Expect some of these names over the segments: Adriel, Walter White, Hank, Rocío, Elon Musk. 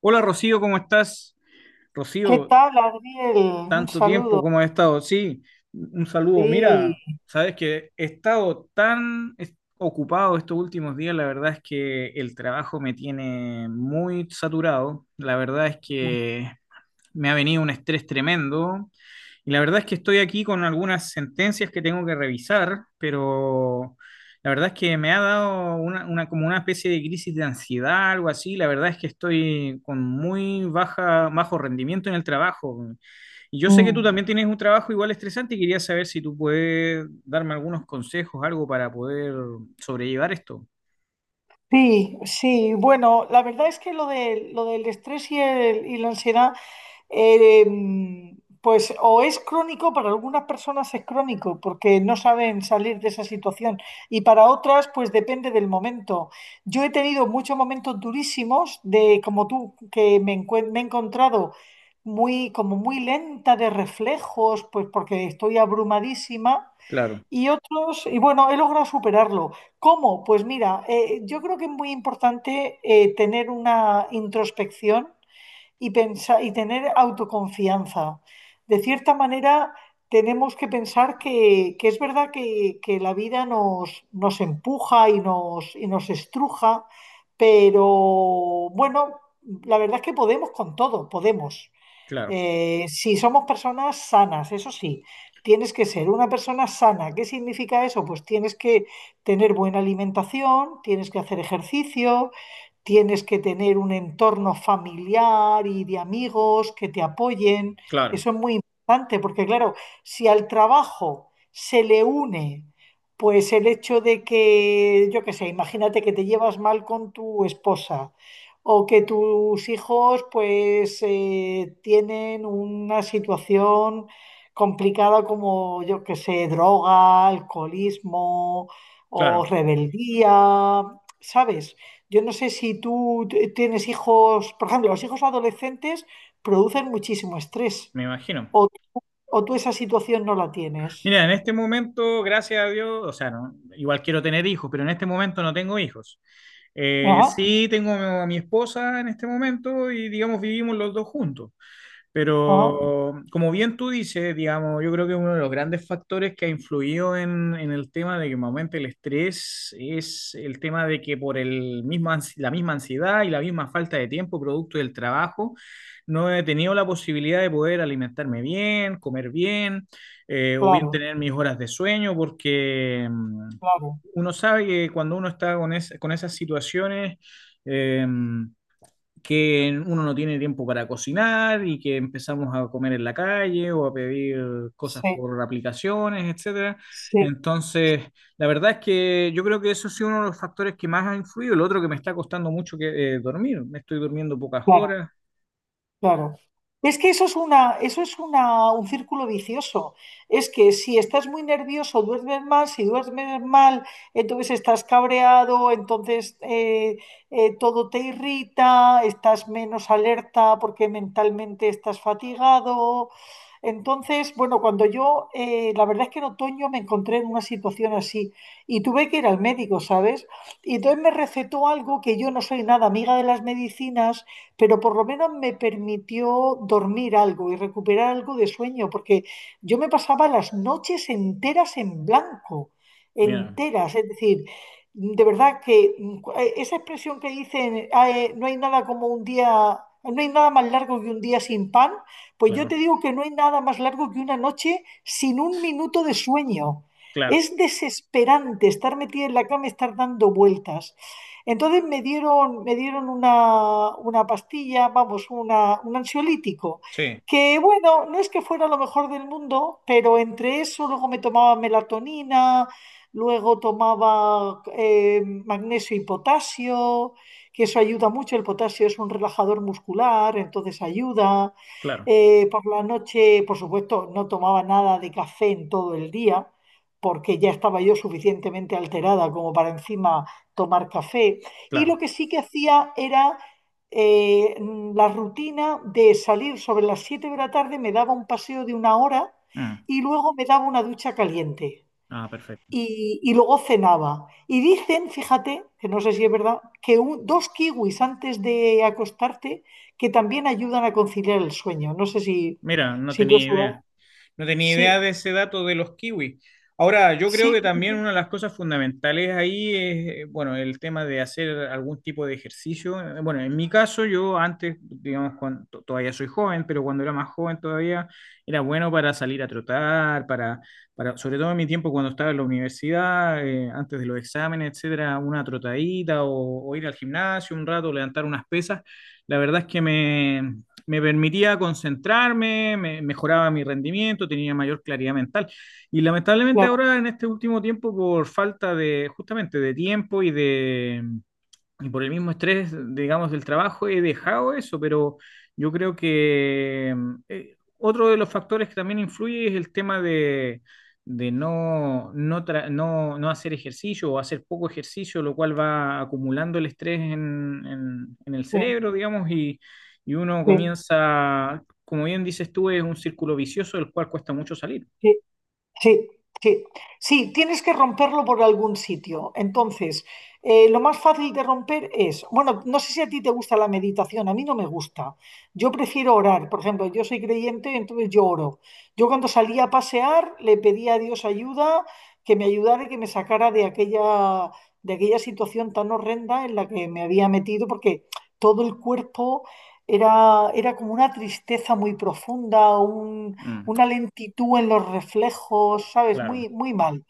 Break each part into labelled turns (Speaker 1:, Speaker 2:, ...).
Speaker 1: Hola Rocío, ¿cómo estás?
Speaker 2: ¿Qué
Speaker 1: Rocío,
Speaker 2: tal, Adriel? Un
Speaker 1: tanto tiempo,
Speaker 2: saludo.
Speaker 1: ¿cómo has estado? Sí, un saludo. Mira,
Speaker 2: Sí.
Speaker 1: sabes que he estado ocupado estos últimos días, la verdad es que el trabajo me tiene muy saturado, la verdad es que me ha venido un estrés tremendo y la verdad es que estoy aquí con algunas sentencias que tengo que revisar, pero la verdad es que me ha dado como una especie de crisis de ansiedad, algo así. La verdad es que estoy con muy bajo rendimiento en el trabajo. Y yo sé que tú
Speaker 2: Mm.
Speaker 1: también tienes un trabajo igual estresante y quería saber si tú puedes darme algunos consejos, algo para poder sobrellevar esto.
Speaker 2: Sí, sí. Bueno, la verdad es que lo del estrés y la ansiedad, pues o es crónico, para algunas personas es crónico, porque no saben salir de esa situación, y para otras, pues depende del momento. Yo he tenido muchos momentos durísimos de, como tú, me he encontrado como muy lenta de reflejos, pues porque estoy abrumadísima.
Speaker 1: Claro.
Speaker 2: Y otros, y bueno, he logrado superarlo. ¿Cómo? Pues mira, yo creo que es muy importante tener una introspección y pensar y tener autoconfianza. De cierta manera, tenemos que pensar que es verdad que la vida nos empuja y nos estruja, pero bueno, la verdad es que podemos con todo, podemos.
Speaker 1: Claro,
Speaker 2: Si somos personas sanas, eso sí, tienes que ser una persona sana. ¿Qué significa eso? Pues tienes que tener buena alimentación, tienes que hacer ejercicio, tienes que tener un entorno familiar y de amigos que te apoyen.
Speaker 1: claro,
Speaker 2: Eso es muy importante porque, claro, si al trabajo se le une, pues el hecho de que, yo qué sé, imagínate que te llevas mal con tu esposa o que tus hijos pues tienen una situación complicada como yo que sé, droga, alcoholismo o
Speaker 1: claro,
Speaker 2: rebeldía, ¿sabes? Yo no sé si tú tienes hijos, por ejemplo, los hijos adolescentes producen muchísimo estrés
Speaker 1: me imagino.
Speaker 2: o, o tú esa situación no la tienes.
Speaker 1: Mira, en este momento, gracias a Dios, o sea, no, igual quiero tener hijos, pero en este momento no tengo hijos. Eh,
Speaker 2: Ajá,
Speaker 1: sí tengo a mi esposa en este momento y digamos vivimos los dos juntos.
Speaker 2: ajá,
Speaker 1: Pero como bien tú dices, digamos, yo creo que uno de los grandes factores que ha influido en el tema de que me aumente el estrés es el tema de que por el la misma ansiedad y la misma falta de tiempo producto del trabajo, no he tenido la posibilidad de poder alimentarme bien, comer bien, o bien
Speaker 2: claro,
Speaker 1: tener mis horas de sueño, porque
Speaker 2: claro,
Speaker 1: uno sabe que cuando uno está con esas situaciones, em, que uno no tiene tiempo para cocinar y que empezamos a comer en la calle o a pedir cosas
Speaker 2: sí,
Speaker 1: por aplicaciones, etcétera.
Speaker 2: sí,
Speaker 1: Entonces, la verdad es que yo creo que eso ha sido uno de los factores que más ha influido. El otro que me está costando mucho que dormir. Me estoy durmiendo pocas
Speaker 2: claro.
Speaker 1: horas.
Speaker 2: Claro. Es que un círculo vicioso. Es que si estás muy nervioso, duermes mal, si duermes mal, entonces estás cabreado, entonces todo te irrita, estás menos alerta porque mentalmente estás fatigado. Entonces, bueno, cuando la verdad es que en otoño me encontré en una situación así y tuve que ir al médico, ¿sabes? Y entonces me recetó algo que yo no soy nada amiga de las medicinas, pero por lo menos me permitió dormir algo y recuperar algo de sueño, porque yo me pasaba las noches enteras en blanco,
Speaker 1: Mira,
Speaker 2: enteras, es decir, de verdad que esa expresión que dicen, "Ah, no hay nada como un día, no hay nada más largo que un día sin pan." Pues yo
Speaker 1: claro,
Speaker 2: te digo que no hay nada más largo que una noche sin un minuto de sueño.
Speaker 1: claro,
Speaker 2: Es desesperante estar metida en la cama, estar dando vueltas. Entonces me dieron una pastilla, vamos, un ansiolítico,
Speaker 1: sí,
Speaker 2: que bueno, no es que fuera lo mejor del mundo, pero entre eso luego me tomaba melatonina, luego tomaba magnesio y potasio, que eso ayuda mucho, el potasio es un relajador muscular, entonces ayuda.
Speaker 1: claro,
Speaker 2: Por la noche, por supuesto, no tomaba nada de café en todo el día, porque ya estaba yo suficientemente alterada como para encima tomar café. Y lo
Speaker 1: claro.
Speaker 2: que sí que hacía era eh, la rutina de salir sobre las 7 de la tarde, me daba un paseo de una hora
Speaker 1: Mm.
Speaker 2: y luego me daba una ducha caliente.
Speaker 1: Ah, perfecto.
Speaker 2: Y luego cenaba. Y dicen, fíjate, que no sé si es verdad, que dos kiwis antes de acostarte que también ayudan a conciliar el sueño. No sé si,
Speaker 1: Mira, no
Speaker 2: si tú
Speaker 1: tenía
Speaker 2: has
Speaker 1: idea.
Speaker 2: jugado.
Speaker 1: No tenía idea de
Speaker 2: Sí,
Speaker 1: ese dato de los kiwis. Ahora, yo creo
Speaker 2: sí,
Speaker 1: que
Speaker 2: sí, sí,
Speaker 1: también
Speaker 2: sí,
Speaker 1: una de las cosas fundamentales ahí es, bueno, el tema de hacer algún tipo de ejercicio. Bueno, en mi caso, yo antes, digamos, todavía soy joven, pero cuando era más joven todavía, era bueno para salir a trotar, para sobre todo en mi tiempo cuando estaba en la universidad, antes de los exámenes, etcétera, una trotadita o ir al gimnasio un rato, levantar unas pesas. La verdad es que me permitía concentrarme, me mejoraba mi rendimiento, tenía mayor claridad mental. Y lamentablemente
Speaker 2: claro,
Speaker 1: ahora en este último tiempo, por falta de justamente de tiempo y por el mismo estrés, digamos, del trabajo he dejado eso, pero yo creo que otro de los factores que también influye es el tema de no hacer ejercicio o hacer poco ejercicio, lo cual va acumulando el estrés en el
Speaker 2: sí,
Speaker 1: cerebro, digamos, y uno
Speaker 2: sí,
Speaker 1: comienza, como bien dices tú, es un círculo vicioso del cual cuesta mucho salir.
Speaker 2: sí. Sí, sí, sí, tienes que romperlo por algún sitio. Entonces, lo más fácil de romper es, bueno, no sé si a ti te gusta la meditación, a mí no me gusta. Yo prefiero orar, por ejemplo, yo soy creyente, entonces yo oro. Yo cuando salía a pasear le pedía a Dios ayuda, que me ayudara y que me sacara de aquella, situación tan horrenda en la que me había metido, porque todo el cuerpo era como una tristeza muy profunda,
Speaker 1: Mm,
Speaker 2: una lentitud en los reflejos, ¿sabes?
Speaker 1: claro.
Speaker 2: Muy, muy mal.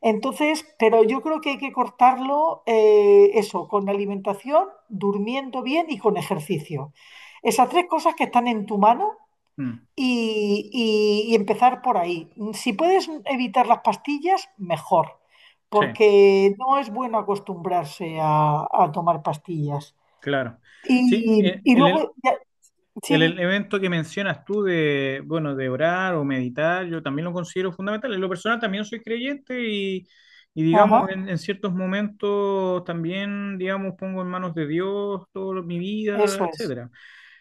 Speaker 2: Entonces, pero yo creo que hay que cortarlo, eso, con alimentación, durmiendo bien y con ejercicio. Esas tres cosas que están en tu mano
Speaker 1: Mm,
Speaker 2: y empezar por ahí. Si puedes evitar las pastillas, mejor,
Speaker 1: sí,
Speaker 2: porque no es bueno acostumbrarse a tomar pastillas.
Speaker 1: claro. Sí,
Speaker 2: Y,
Speaker 1: eh,
Speaker 2: y
Speaker 1: el,
Speaker 2: luego, ya, sí,
Speaker 1: El
Speaker 2: di.
Speaker 1: elemento que mencionas tú de, bueno, de orar o meditar, yo también lo considero fundamental. En lo personal también soy creyente y digamos,
Speaker 2: Ajá,
Speaker 1: en ciertos momentos también, digamos, pongo en manos de Dios toda mi vida,
Speaker 2: eso es,
Speaker 1: etcétera.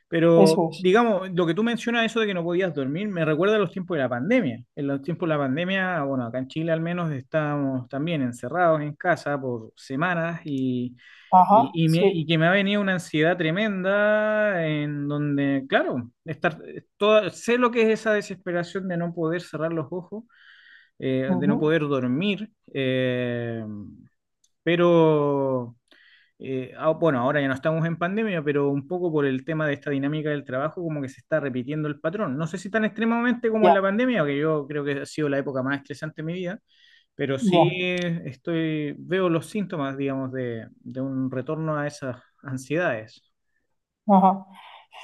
Speaker 1: Pero,
Speaker 2: eso es,
Speaker 1: digamos, lo que tú mencionas, eso de que no podías dormir, me recuerda a los tiempos de la pandemia. En los tiempos de la pandemia, bueno, acá en Chile al menos estábamos también encerrados en casa por semanas y
Speaker 2: ajá,
Speaker 1: y
Speaker 2: sí.
Speaker 1: que me ha venido una ansiedad tremenda en donde, claro, estar toda, sé lo que es esa desesperación de no poder cerrar los ojos, de no
Speaker 2: Ujú.
Speaker 1: poder dormir, pero, bueno, ahora ya no estamos en pandemia, pero un poco por el tema de esta dinámica del trabajo, como que se está repitiendo el patrón. No sé si tan extremadamente como en
Speaker 2: Ya,
Speaker 1: la pandemia, que yo creo que ha sido la época más estresante de mi vida, pero sí
Speaker 2: ya,
Speaker 1: estoy, veo los síntomas, digamos, de un retorno a esas ansiedades.
Speaker 2: ajá.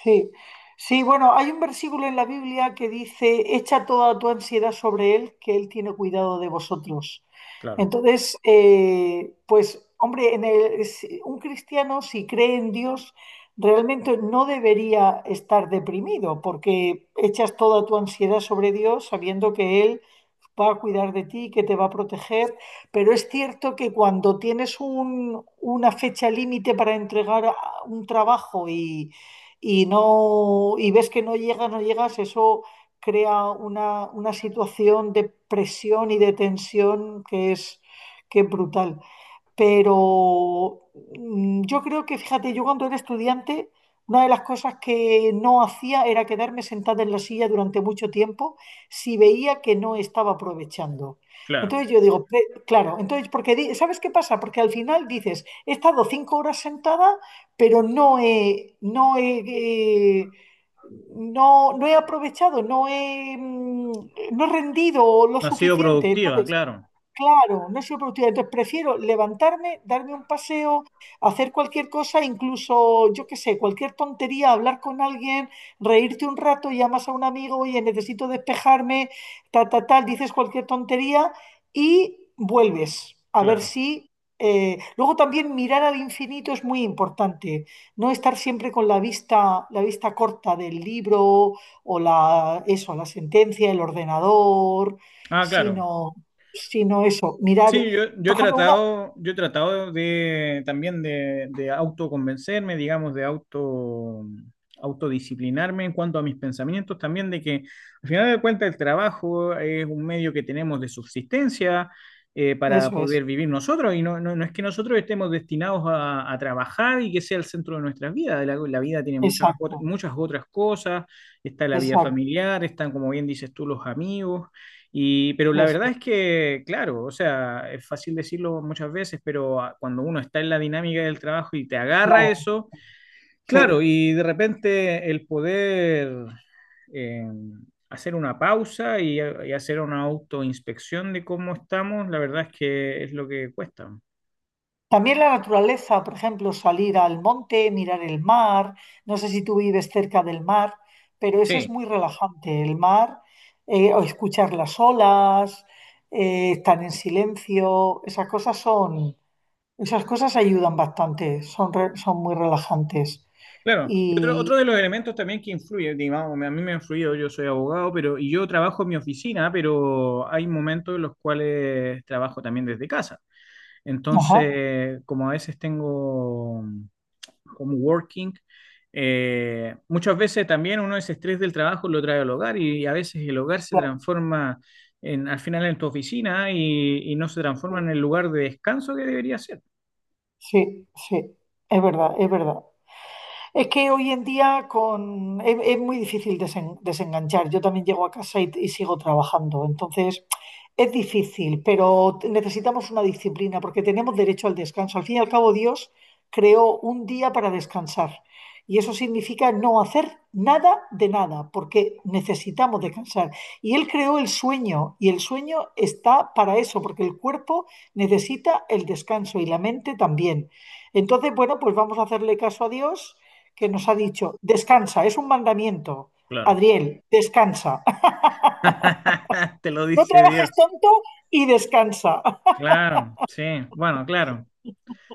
Speaker 2: Sí. Sí, bueno, hay un versículo en la Biblia que dice, echa toda tu ansiedad sobre Él, que Él tiene cuidado de vosotros.
Speaker 1: Claro,
Speaker 2: Entonces, pues, hombre, en el- si- un cristiano, si cree en Dios, realmente no debería estar deprimido, porque echas toda tu ansiedad sobre Dios sabiendo que Él va a cuidar de ti, que te va a proteger, pero es cierto que cuando tienes una fecha límite para entregar un trabajo y, y ves que no llegas, no llegas, eso crea una situación de presión y de tensión que es brutal. Pero yo creo que, fíjate, yo cuando era estudiante, una de las cosas que no hacía era quedarme sentada en la silla durante mucho tiempo si veía que no estaba aprovechando.
Speaker 1: claro.
Speaker 2: Entonces yo digo, "Claro, entonces, porque, ¿sabes qué pasa? Porque al final dices, he estado 5 horas sentada, pero no he, eh, no he aprovechado, no he rendido lo
Speaker 1: No ha sido
Speaker 2: suficiente.
Speaker 1: productiva,
Speaker 2: Entonces,
Speaker 1: claro,
Speaker 2: claro, no soy productiva. Entonces prefiero levantarme, darme un paseo, hacer cualquier cosa, incluso, yo qué sé, cualquier tontería, hablar con alguien, reírte un rato, llamas a un amigo, oye, necesito despejarme, ta, ta, tal, dices cualquier tontería y vuelves a ver
Speaker 1: claro.
Speaker 2: si... Luego también mirar al infinito es muy importante, no estar siempre con la vista corta del libro o la, eso, la sentencia, el ordenador,
Speaker 1: Ah, claro.
Speaker 2: sino sino eso, mirar,
Speaker 1: Sí, yo,
Speaker 2: por ejemplo, una,
Speaker 1: yo he tratado de también de autoconvencerme, digamos, de auto, autodisciplinarme en cuanto a mis pensamientos, también de que al final de cuentas el trabajo es un medio que tenemos de subsistencia para
Speaker 2: eso
Speaker 1: poder
Speaker 2: es,
Speaker 1: vivir nosotros, y no es que nosotros estemos destinados a trabajar y que sea el centro de nuestras vidas. La vida tiene
Speaker 2: exacto,
Speaker 1: muchas otras cosas, está la vida
Speaker 2: exacto,
Speaker 1: familiar, están, como bien dices tú, los amigos. Y, pero la verdad
Speaker 2: eso,
Speaker 1: es que, claro, o sea, es fácil decirlo muchas veces, pero cuando uno está en la dinámica del trabajo y te agarra
Speaker 2: claro,
Speaker 1: eso,
Speaker 2: sí.
Speaker 1: claro, y de repente el poder eh, hacer una pausa y hacer una autoinspección de cómo estamos, la verdad es que es lo que cuesta.
Speaker 2: También la naturaleza, por ejemplo, salir al monte, mirar el mar, no sé si tú vives cerca del mar, pero ese es
Speaker 1: Sí,
Speaker 2: muy relajante, el mar, o escuchar las olas, estar en silencio, esas cosas ayudan bastante, son muy relajantes.
Speaker 1: claro. Y otro, otro
Speaker 2: Y,
Speaker 1: de los elementos también que influye, digamos, a mí me ha influido, yo soy abogado, pero y yo trabajo en mi oficina, pero hay momentos en los cuales trabajo también desde casa.
Speaker 2: ajá,
Speaker 1: Entonces, como a veces tengo como working, muchas veces también uno ese estrés del trabajo lo trae al hogar y a veces el hogar se
Speaker 2: claro,
Speaker 1: transforma en, al final en tu oficina y no se
Speaker 2: sí,
Speaker 1: transforma en el lugar de descanso que debería ser.
Speaker 2: sí, sí, es verdad, es verdad. Es que hoy en día es muy difícil desenganchar. Yo también llego a casa y sigo trabajando. Entonces, es difícil, pero necesitamos una disciplina porque tenemos derecho al descanso. Al fin y al cabo, Dios creó un día para descansar. Y eso significa no hacer nada de nada, porque necesitamos descansar. Y Él creó el sueño, y el sueño está para eso, porque el cuerpo necesita el descanso y la mente también. Entonces, bueno, pues vamos a hacerle caso a Dios que nos ha dicho, descansa, es un mandamiento.
Speaker 1: Claro.
Speaker 2: Adriel, descansa.
Speaker 1: Te lo
Speaker 2: No
Speaker 1: dice
Speaker 2: trabajes
Speaker 1: Dios.
Speaker 2: tonto y descansa.
Speaker 1: Claro, sí, bueno, claro.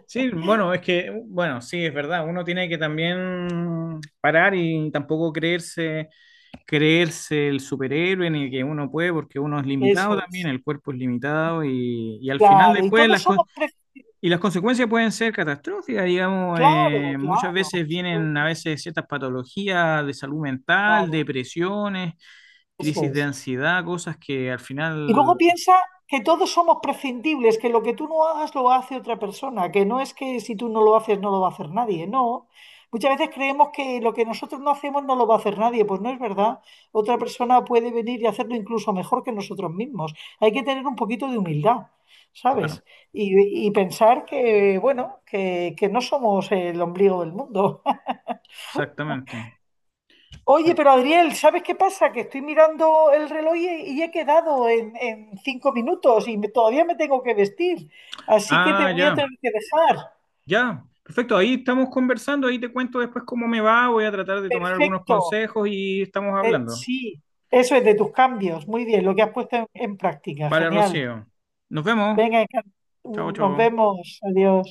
Speaker 1: Sí, bueno, es que, bueno, sí, es verdad, uno tiene que también parar y tampoco creerse creerse el superhéroe ni que uno puede porque uno es limitado
Speaker 2: Eso
Speaker 1: también,
Speaker 2: es.
Speaker 1: el cuerpo es limitado y al final
Speaker 2: Claro, y
Speaker 1: después
Speaker 2: todos somos pre-
Speaker 1: y las consecuencias pueden ser catastróficas, digamos,
Speaker 2: Claro,
Speaker 1: muchas
Speaker 2: claro, por
Speaker 1: veces vienen a
Speaker 2: supuesto,
Speaker 1: veces ciertas patologías de salud mental,
Speaker 2: claro,
Speaker 1: depresiones, crisis
Speaker 2: eso
Speaker 1: de
Speaker 2: es.
Speaker 1: ansiedad, cosas que al
Speaker 2: Y
Speaker 1: final,
Speaker 2: luego piensa que todos somos prescindibles, que lo que tú no hagas lo hace otra persona, que no es que si tú no lo haces no lo va a hacer nadie, no. Muchas veces creemos que lo que nosotros no hacemos no lo va a hacer nadie, pues no es verdad. Otra persona puede venir y hacerlo incluso mejor que nosotros mismos. Hay que tener un poquito de humildad,
Speaker 1: claro,
Speaker 2: ¿sabes? Y pensar que, bueno, que no somos el ombligo del mundo.
Speaker 1: exactamente.
Speaker 2: Oye, pero Adriel, ¿sabes qué pasa? Que estoy mirando el reloj y he quedado en 5 minutos y todavía me tengo que vestir. Así que te
Speaker 1: Ah,
Speaker 2: voy a
Speaker 1: ya,
Speaker 2: tener que dejar.
Speaker 1: ya. Perfecto, ahí estamos conversando, ahí te cuento después cómo me va, voy a tratar de tomar algunos
Speaker 2: Perfecto.
Speaker 1: consejos y estamos
Speaker 2: Eh,
Speaker 1: hablando.
Speaker 2: sí, eso es de tus cambios. Muy bien, lo que has puesto en práctica.
Speaker 1: Vale,
Speaker 2: Genial.
Speaker 1: Rocío. Nos vemos.
Speaker 2: Venga, encan-
Speaker 1: Chao,
Speaker 2: nos
Speaker 1: chao.
Speaker 2: vemos. Adiós.